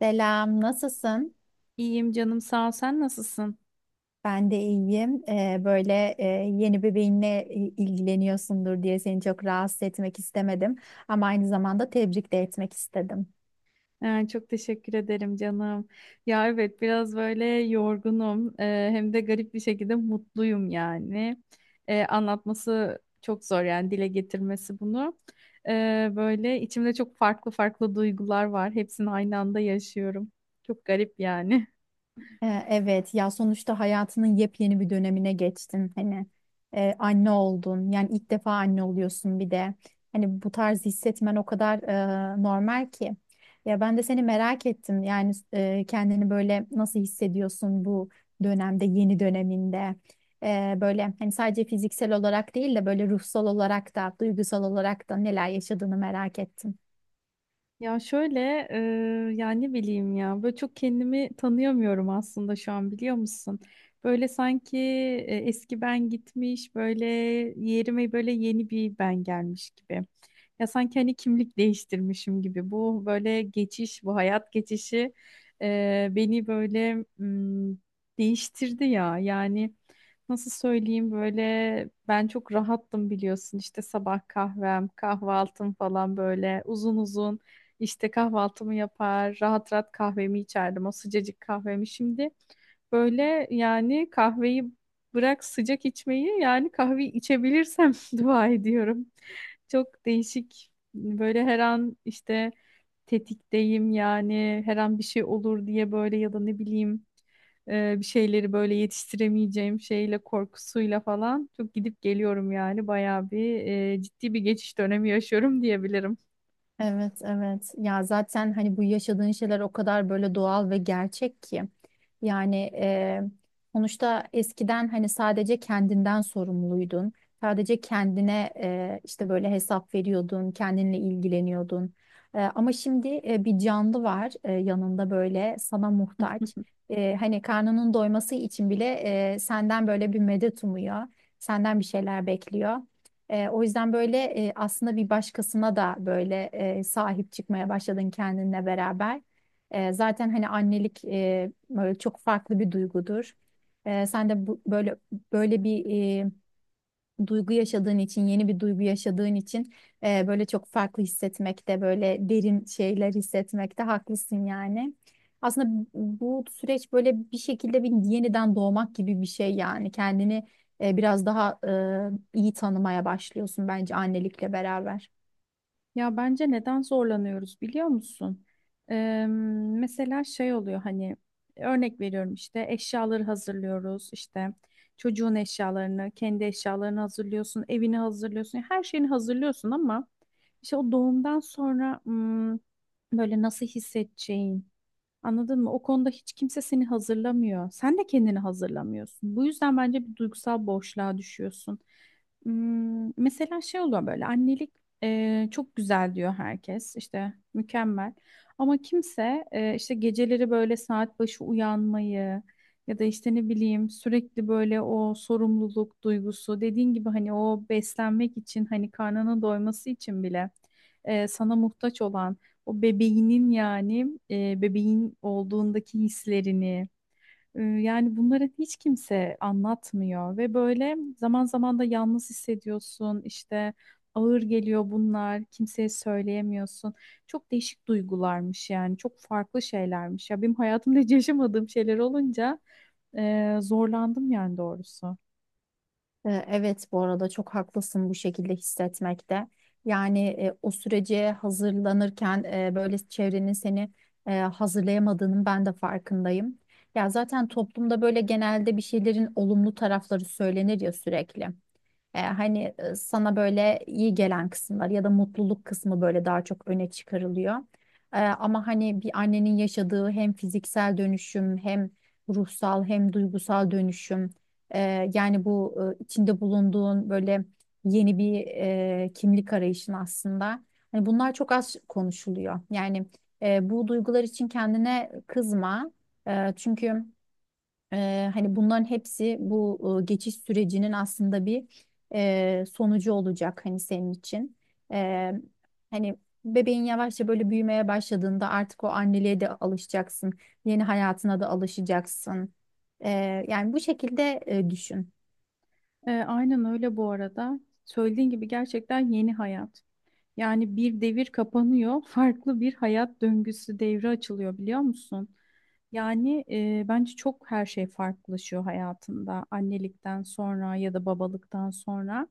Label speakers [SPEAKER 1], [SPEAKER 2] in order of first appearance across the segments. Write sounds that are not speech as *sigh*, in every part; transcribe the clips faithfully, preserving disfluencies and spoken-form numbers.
[SPEAKER 1] Selam, nasılsın?
[SPEAKER 2] İyiyim canım sağ ol. Sen nasılsın?
[SPEAKER 1] Ben de iyiyim. Ee, böyle e, yeni bebeğinle i- ilgileniyorsundur diye seni çok rahatsız etmek istemedim. Ama aynı zamanda tebrik de etmek istedim.
[SPEAKER 2] Ee, çok teşekkür ederim canım. Ya evet biraz böyle yorgunum. Ee, hem de garip bir şekilde mutluyum yani. Ee, anlatması çok zor yani dile getirmesi bunu. Ee, böyle içimde çok farklı farklı duygular var. Hepsini aynı anda yaşıyorum. Çok garip yani.
[SPEAKER 1] Ee, Evet ya sonuçta hayatının yepyeni bir dönemine geçtin hani e, anne oldun, yani ilk defa anne oluyorsun. Bir de hani bu tarz hissetmen o kadar e, normal ki. Ya ben de seni merak ettim, yani e, kendini böyle nasıl hissediyorsun bu dönemde, yeni döneminde? E, böyle hani sadece fiziksel olarak değil de böyle ruhsal olarak da, duygusal olarak da neler yaşadığını merak ettim.
[SPEAKER 2] Ya şöyle e, yani ne bileyim ya böyle çok kendimi tanıyamıyorum aslında şu an biliyor musun? Böyle sanki e, eski ben gitmiş böyle yerime böyle yeni bir ben gelmiş gibi. Ya sanki hani kimlik değiştirmişim gibi. Bu böyle geçiş bu hayat geçişi e, beni böyle mm, değiştirdi ya yani. Nasıl söyleyeyim böyle ben çok rahattım biliyorsun işte sabah kahvem, kahvaltım falan böyle uzun uzun. İşte kahvaltımı yapar, rahat rahat kahvemi içerdim. O sıcacık kahvemi şimdi böyle yani kahveyi bırak sıcak içmeyi yani kahve içebilirsem *laughs* dua ediyorum. Çok değişik böyle her an işte tetikteyim yani her an bir şey olur diye böyle ya da ne bileyim e, bir şeyleri böyle yetiştiremeyeceğim şeyle korkusuyla falan çok gidip geliyorum yani bayağı bir e, ciddi bir geçiş dönemi yaşıyorum diyebilirim.
[SPEAKER 1] Evet, evet. Ya zaten hani bu yaşadığın şeyler o kadar böyle doğal ve gerçek ki. Yani eee, sonuçta eskiden hani sadece kendinden sorumluydun. Sadece kendine eee, işte böyle hesap veriyordun, kendinle ilgileniyordun. Eee, ama şimdi eee, bir canlı var, eee, yanında böyle sana muhtaç. Eee, hani karnının doyması için bile eee, senden böyle bir medet umuyor. Senden bir şeyler bekliyor. E, o yüzden böyle e, aslında bir başkasına da böyle e, sahip çıkmaya başladın kendinle beraber. E, zaten hani annelik e, böyle çok farklı bir duygudur. E, sen de bu, böyle böyle bir duygu yaşadığın için, yeni bir duygu yaşadığın için e, böyle çok farklı hissetmekte, böyle derin şeyler hissetmekte haklısın yani. Aslında bu süreç böyle bir şekilde bir yeniden doğmak gibi bir şey yani. Kendini e, biraz daha e, iyi tanımaya başlıyorsun bence annelikle beraber.
[SPEAKER 2] Ya bence neden zorlanıyoruz biliyor musun? Eee, Mesela şey oluyor hani örnek veriyorum işte eşyaları hazırlıyoruz işte çocuğun eşyalarını, kendi eşyalarını hazırlıyorsun, evini hazırlıyorsun, her şeyini hazırlıyorsun ama işte o doğumdan sonra hmm, böyle nasıl hissedeceğin, anladın mı? O konuda hiç kimse seni hazırlamıyor. Sen de kendini hazırlamıyorsun. Bu yüzden bence bir duygusal boşluğa düşüyorsun. Hmm, mesela şey oluyor böyle annelik e, çok güzel diyor herkes işte mükemmel. Ama kimse e, işte geceleri böyle saat başı uyanmayı ya da işte ne bileyim sürekli böyle o sorumluluk duygusu dediğin gibi hani o beslenmek için hani karnının doyması için bile e, sana muhtaç olan o bebeğinin yani e, bebeğin olduğundaki hislerini e, yani bunları hiç kimse anlatmıyor ve böyle zaman zaman da yalnız hissediyorsun işte ağır geliyor bunlar kimseye söyleyemiyorsun. Çok değişik duygularmış yani çok farklı şeylermiş ya benim hayatımda hiç yaşamadığım şeyler olunca e, zorlandım yani doğrusu.
[SPEAKER 1] Ee, Evet, bu arada çok haklısın bu şekilde hissetmekte. Yani e, o sürece hazırlanırken e, böyle çevrenin seni e, hazırlayamadığının ben de farkındayım. Ya zaten toplumda böyle genelde bir şeylerin olumlu tarafları söylenir ya sürekli. E, hani e, sana böyle iyi gelen kısımlar ya da mutluluk kısmı böyle daha çok öne çıkarılıyor. E, ama hani bir annenin yaşadığı hem fiziksel dönüşüm, hem ruhsal, hem duygusal dönüşüm, e, yani bu e, içinde bulunduğun böyle yeni bir e, kimlik arayışın aslında. Hani bunlar çok az konuşuluyor. Yani e, bu duygular için kendine kızma. E, çünkü Eee, hani bunların hepsi bu e, geçiş sürecinin aslında bir e, sonucu olacak hani senin için. Eee, Hani bebeğin yavaşça böyle büyümeye başladığında artık o anneliğe de alışacaksın. Yeni hayatına da alışacaksın. Eee, yani bu şekilde e, düşün.
[SPEAKER 2] E, aynen öyle bu arada söylediğin gibi gerçekten yeni hayat. Yani bir devir kapanıyor, farklı bir hayat döngüsü devre açılıyor biliyor musun? Yani e, bence çok her şey farklılaşıyor hayatında annelikten sonra ya da babalıktan sonra.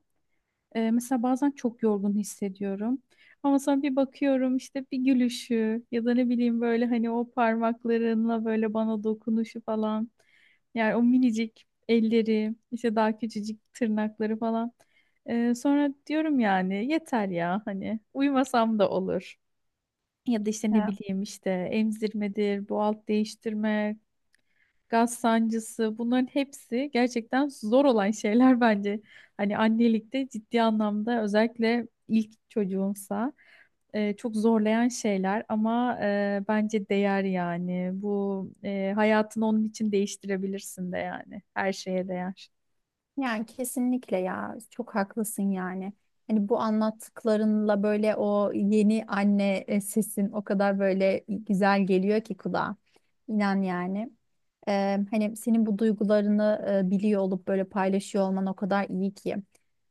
[SPEAKER 2] Ee, mesela bazen çok yorgun hissediyorum. Ama sonra bir bakıyorum işte bir gülüşü ya da ne bileyim böyle hani o parmaklarınla böyle bana dokunuşu falan. Yani o minicik elleri, işte daha küçücük tırnakları falan. Ee, sonra diyorum yani yeter ya hani uyumasam da olur. Ya da işte ne bileyim işte emzirmedir, bu alt değiştirme, gaz sancısı bunların hepsi gerçekten zor olan şeyler *laughs* bence. Hani annelikte ciddi anlamda özellikle ilk çocuğumsa e, çok zorlayan şeyler ama e, bence değer yani. Bu e, hayatını onun için değiştirebilirsin de yani. Her şeye değer.
[SPEAKER 1] Yani kesinlikle ya, çok haklısın yani. Hani bu anlattıklarınla böyle o yeni anne e, sesin o kadar böyle güzel geliyor ki kulağa. İnan yani. Ee, hani senin bu duygularını e, biliyor olup böyle paylaşıyor olman o kadar iyi ki.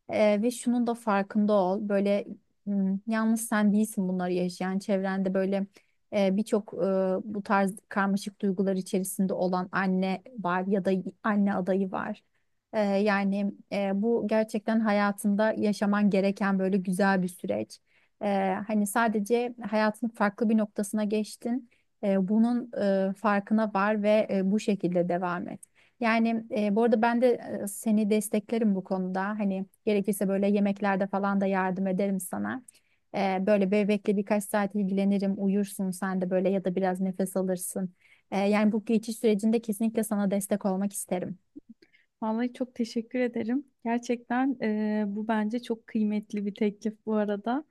[SPEAKER 1] Ee, ve şunun da farkında ol. Böyle m, yalnız sen değilsin bunları yaşayan. Çevrende böyle e, birçok e, bu tarz karmaşık duygular içerisinde olan anne var ya da anne adayı var. Ee, yani e, bu gerçekten hayatında yaşaman gereken böyle güzel bir süreç. Ee, hani sadece hayatın farklı bir noktasına geçtin. Ee, bunun e, farkına var ve e, bu şekilde devam et. Yani e, bu arada ben de e, seni desteklerim bu konuda. Hani gerekirse böyle yemeklerde falan da yardım ederim sana. Ee, böyle bebekle birkaç saat ilgilenirim, uyursun sen de böyle, ya da biraz nefes alırsın. Ee, yani bu geçiş sürecinde kesinlikle sana destek olmak isterim.
[SPEAKER 2] Vallahi çok teşekkür ederim. Gerçekten e, bu bence çok kıymetli bir teklif bu arada.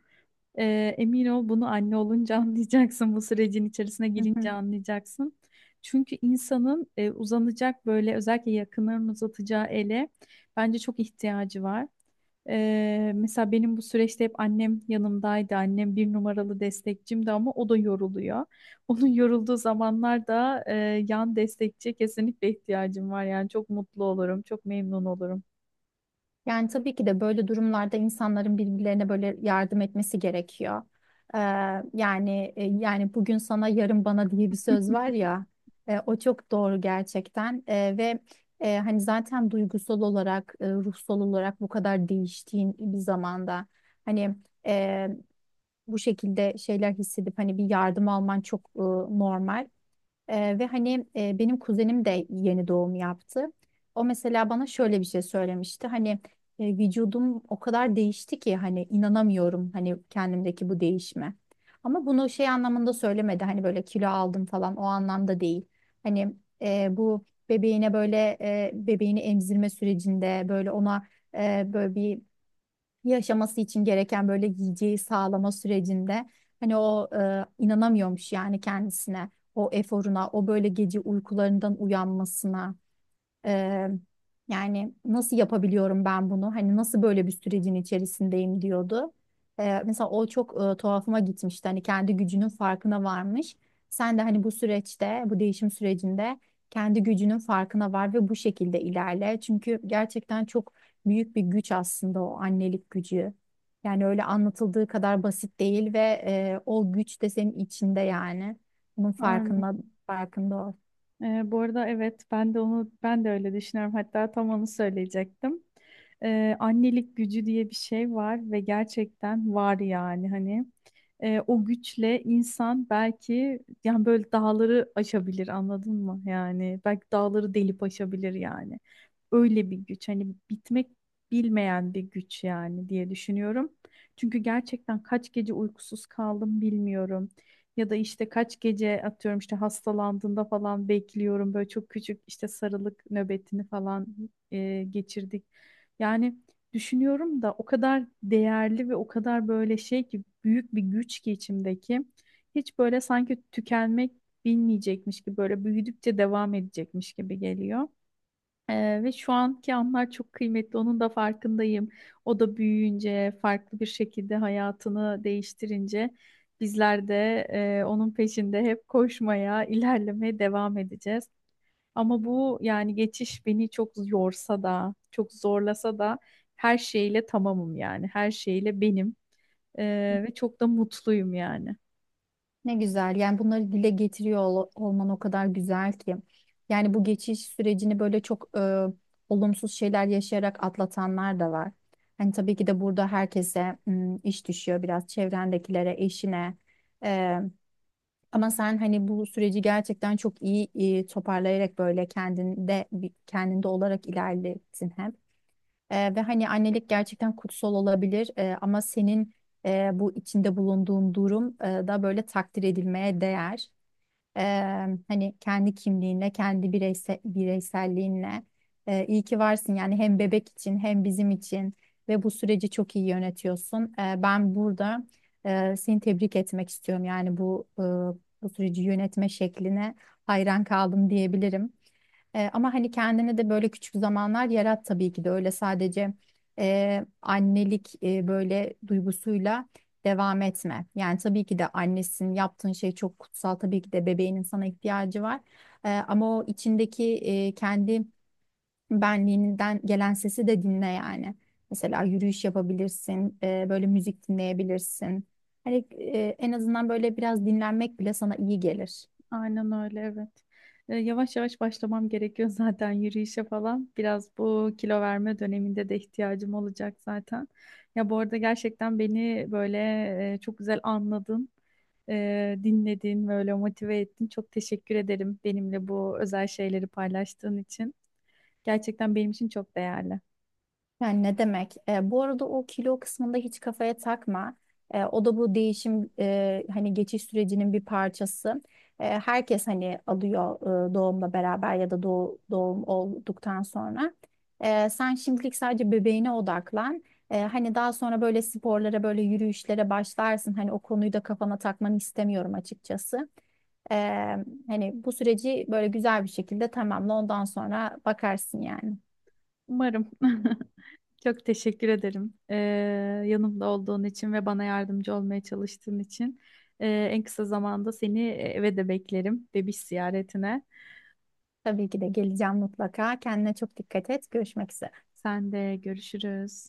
[SPEAKER 2] Ee, emin ol bunu anne olunca *laughs* anlayacaksın. Bu sürecin içerisine girince
[SPEAKER 1] *laughs*
[SPEAKER 2] anlayacaksın. Çünkü insanın e, uzanacak böyle özellikle yakınlarını uzatacağı ele bence çok ihtiyacı var. Ee, mesela benim bu süreçte hep annem yanımdaydı. Annem bir numaralı destekçimdi ama o da yoruluyor. *laughs* Onun yorulduğu zamanlarda e, yan destekçiye kesinlikle ihtiyacım var. Yani çok mutlu olurum, çok memnun olurum.
[SPEAKER 1] Yani tabii ki de böyle durumlarda insanların birbirlerine böyle yardım etmesi gerekiyor. Ee, yani e, Yani bugün sana, yarın bana diye bir söz var ya, e, o çok doğru gerçekten. E, ve e, hani zaten duygusal olarak, e, ruhsal olarak bu kadar değiştiğin bir zamanda hani e, bu şekilde şeyler hissedip hani bir yardım alman çok e, normal. Ee, ve hani e, benim kuzenim de yeni doğum yaptı. O mesela bana şöyle bir şey söylemişti. Hani e, vücudum o kadar değişti ki hani inanamıyorum hani kendimdeki bu değişme. Ama bunu şey anlamında söylemedi. Hani böyle kilo aldım falan, o anlamda değil. Hani e, bu bebeğine böyle e, bebeğini emzirme sürecinde böyle ona e, böyle bir yaşaması için gereken böyle yiyeceği sağlama sürecinde hani o e, inanamıyormuş yani kendisine, o eforuna, o böyle gece uykularından uyanmasına. Ee, Yani nasıl yapabiliyorum ben bunu? Hani nasıl böyle bir sürecin içerisindeyim, diyordu. Ee, mesela o çok e, tuhafıma gitmişti. Hani kendi gücünün farkına varmış. Sen de hani bu süreçte, bu değişim sürecinde kendi gücünün farkına var ve bu şekilde ilerle. Çünkü gerçekten çok büyük bir güç aslında o annelik gücü. Yani öyle anlatıldığı kadar basit değil ve e, o güç de senin içinde yani. Bunun
[SPEAKER 2] Aynen.
[SPEAKER 1] farkında, farkında ol.
[SPEAKER 2] Ee, bu arada evet ben de onu ben de öyle düşünüyorum. Hatta tam onu söyleyecektim. Ee, annelik gücü diye bir şey var ve gerçekten var yani hani. Ee, o güçle insan belki yani böyle dağları aşabilir anladın mı? Yani belki dağları delip aşabilir yani. Öyle bir güç hani bitmek bilmeyen bir güç yani diye düşünüyorum. Çünkü gerçekten kaç gece uykusuz kaldım bilmiyorum. Ya da işte kaç gece atıyorum işte hastalandığında falan bekliyorum. Böyle çok küçük işte sarılık nöbetini falan e, geçirdik. Yani düşünüyorum da o kadar değerli ve o kadar böyle şey ki büyük bir güç ki içimdeki. Hiç böyle sanki tükenmek bilmeyecekmiş gibi böyle büyüdükçe devam edecekmiş gibi geliyor. Ee, ve şu anki anlar çok kıymetli. Onun da farkındayım. O da büyüyünce, farklı bir şekilde hayatını değiştirince bizler de e, onun peşinde hep koşmaya, ilerlemeye devam edeceğiz. Ama bu yani geçiş beni çok yorsa da, çok zorlasa da her şeyle tamamım yani. Her şeyle benim. Ee, ve çok da mutluyum yani.
[SPEAKER 1] Ne güzel. Yani bunları dile getiriyor ol- olman o kadar güzel ki. Yani bu geçiş sürecini böyle çok e, olumsuz şeyler yaşayarak atlatanlar da var. Hani tabii ki de burada herkese m, iş düşüyor, biraz çevrendekilere, eşine. E, Ama sen hani bu süreci gerçekten çok iyi e, toparlayarak böyle kendinde bir- kendinde olarak ilerlettin hem. Ee, ve hani annelik gerçekten kutsal olabilir. Ee, ama senin e, bu içinde bulunduğun durum e, da böyle takdir edilmeye değer. Ee, Hani kendi kimliğinle, kendi bireyse, bireyselliğinle e, iyi ki varsın yani, hem bebek için hem bizim için, ve bu süreci çok iyi yönetiyorsun. Ee, ben burada e, seni tebrik etmek istiyorum yani. Bu e, bu süreci yönetme şekline hayran kaldım diyebilirim. E, ama hani kendine de böyle küçük zamanlar yarat, tabii ki de, öyle sadece e, annelik e, böyle duygusuyla devam etme. Yani tabii ki de annesin, yaptığın şey çok kutsal, tabii ki de bebeğinin sana ihtiyacı var. E, ama o içindeki e, kendi benliğinden gelen sesi de dinle yani. Mesela yürüyüş yapabilirsin, e, böyle müzik dinleyebilirsin. Hani e, en azından böyle biraz dinlenmek bile sana iyi gelir.
[SPEAKER 2] Aynen öyle, evet. E, yavaş yavaş başlamam gerekiyor *laughs* zaten yürüyüşe falan. Biraz bu kilo verme döneminde de ihtiyacım olacak zaten. Ya bu arada gerçekten beni böyle e, çok güzel anladın, e, dinledin, böyle motive ettin. Çok teşekkür ederim benimle bu özel şeyleri paylaştığın için. Gerçekten benim için çok değerli.
[SPEAKER 1] Yani ne demek? E, bu arada o kilo kısmında hiç kafaya takma. E, o da bu değişim e, hani geçiş sürecinin bir parçası. E, herkes hani alıyor e, doğumla beraber ya da doğ- doğum olduktan sonra. E, sen şimdilik sadece bebeğine odaklan. E, hani daha sonra böyle sporlara, böyle yürüyüşlere başlarsın. Hani o konuyu da kafana takmanı istemiyorum açıkçası. E, Hani bu süreci böyle güzel bir şekilde tamamla. Ondan sonra bakarsın yani.
[SPEAKER 2] Umarım. *laughs* Çok teşekkür ederim. Ee, yanımda olduğun için ve bana yardımcı olmaya çalıştığın için. Ee, En kısa zamanda seni eve de beklerim. Bebiş ziyaretine.
[SPEAKER 1] Tabii ki de geleceğim mutlaka. Kendine çok dikkat et. Görüşmek üzere.
[SPEAKER 2] Sen de görüşürüz.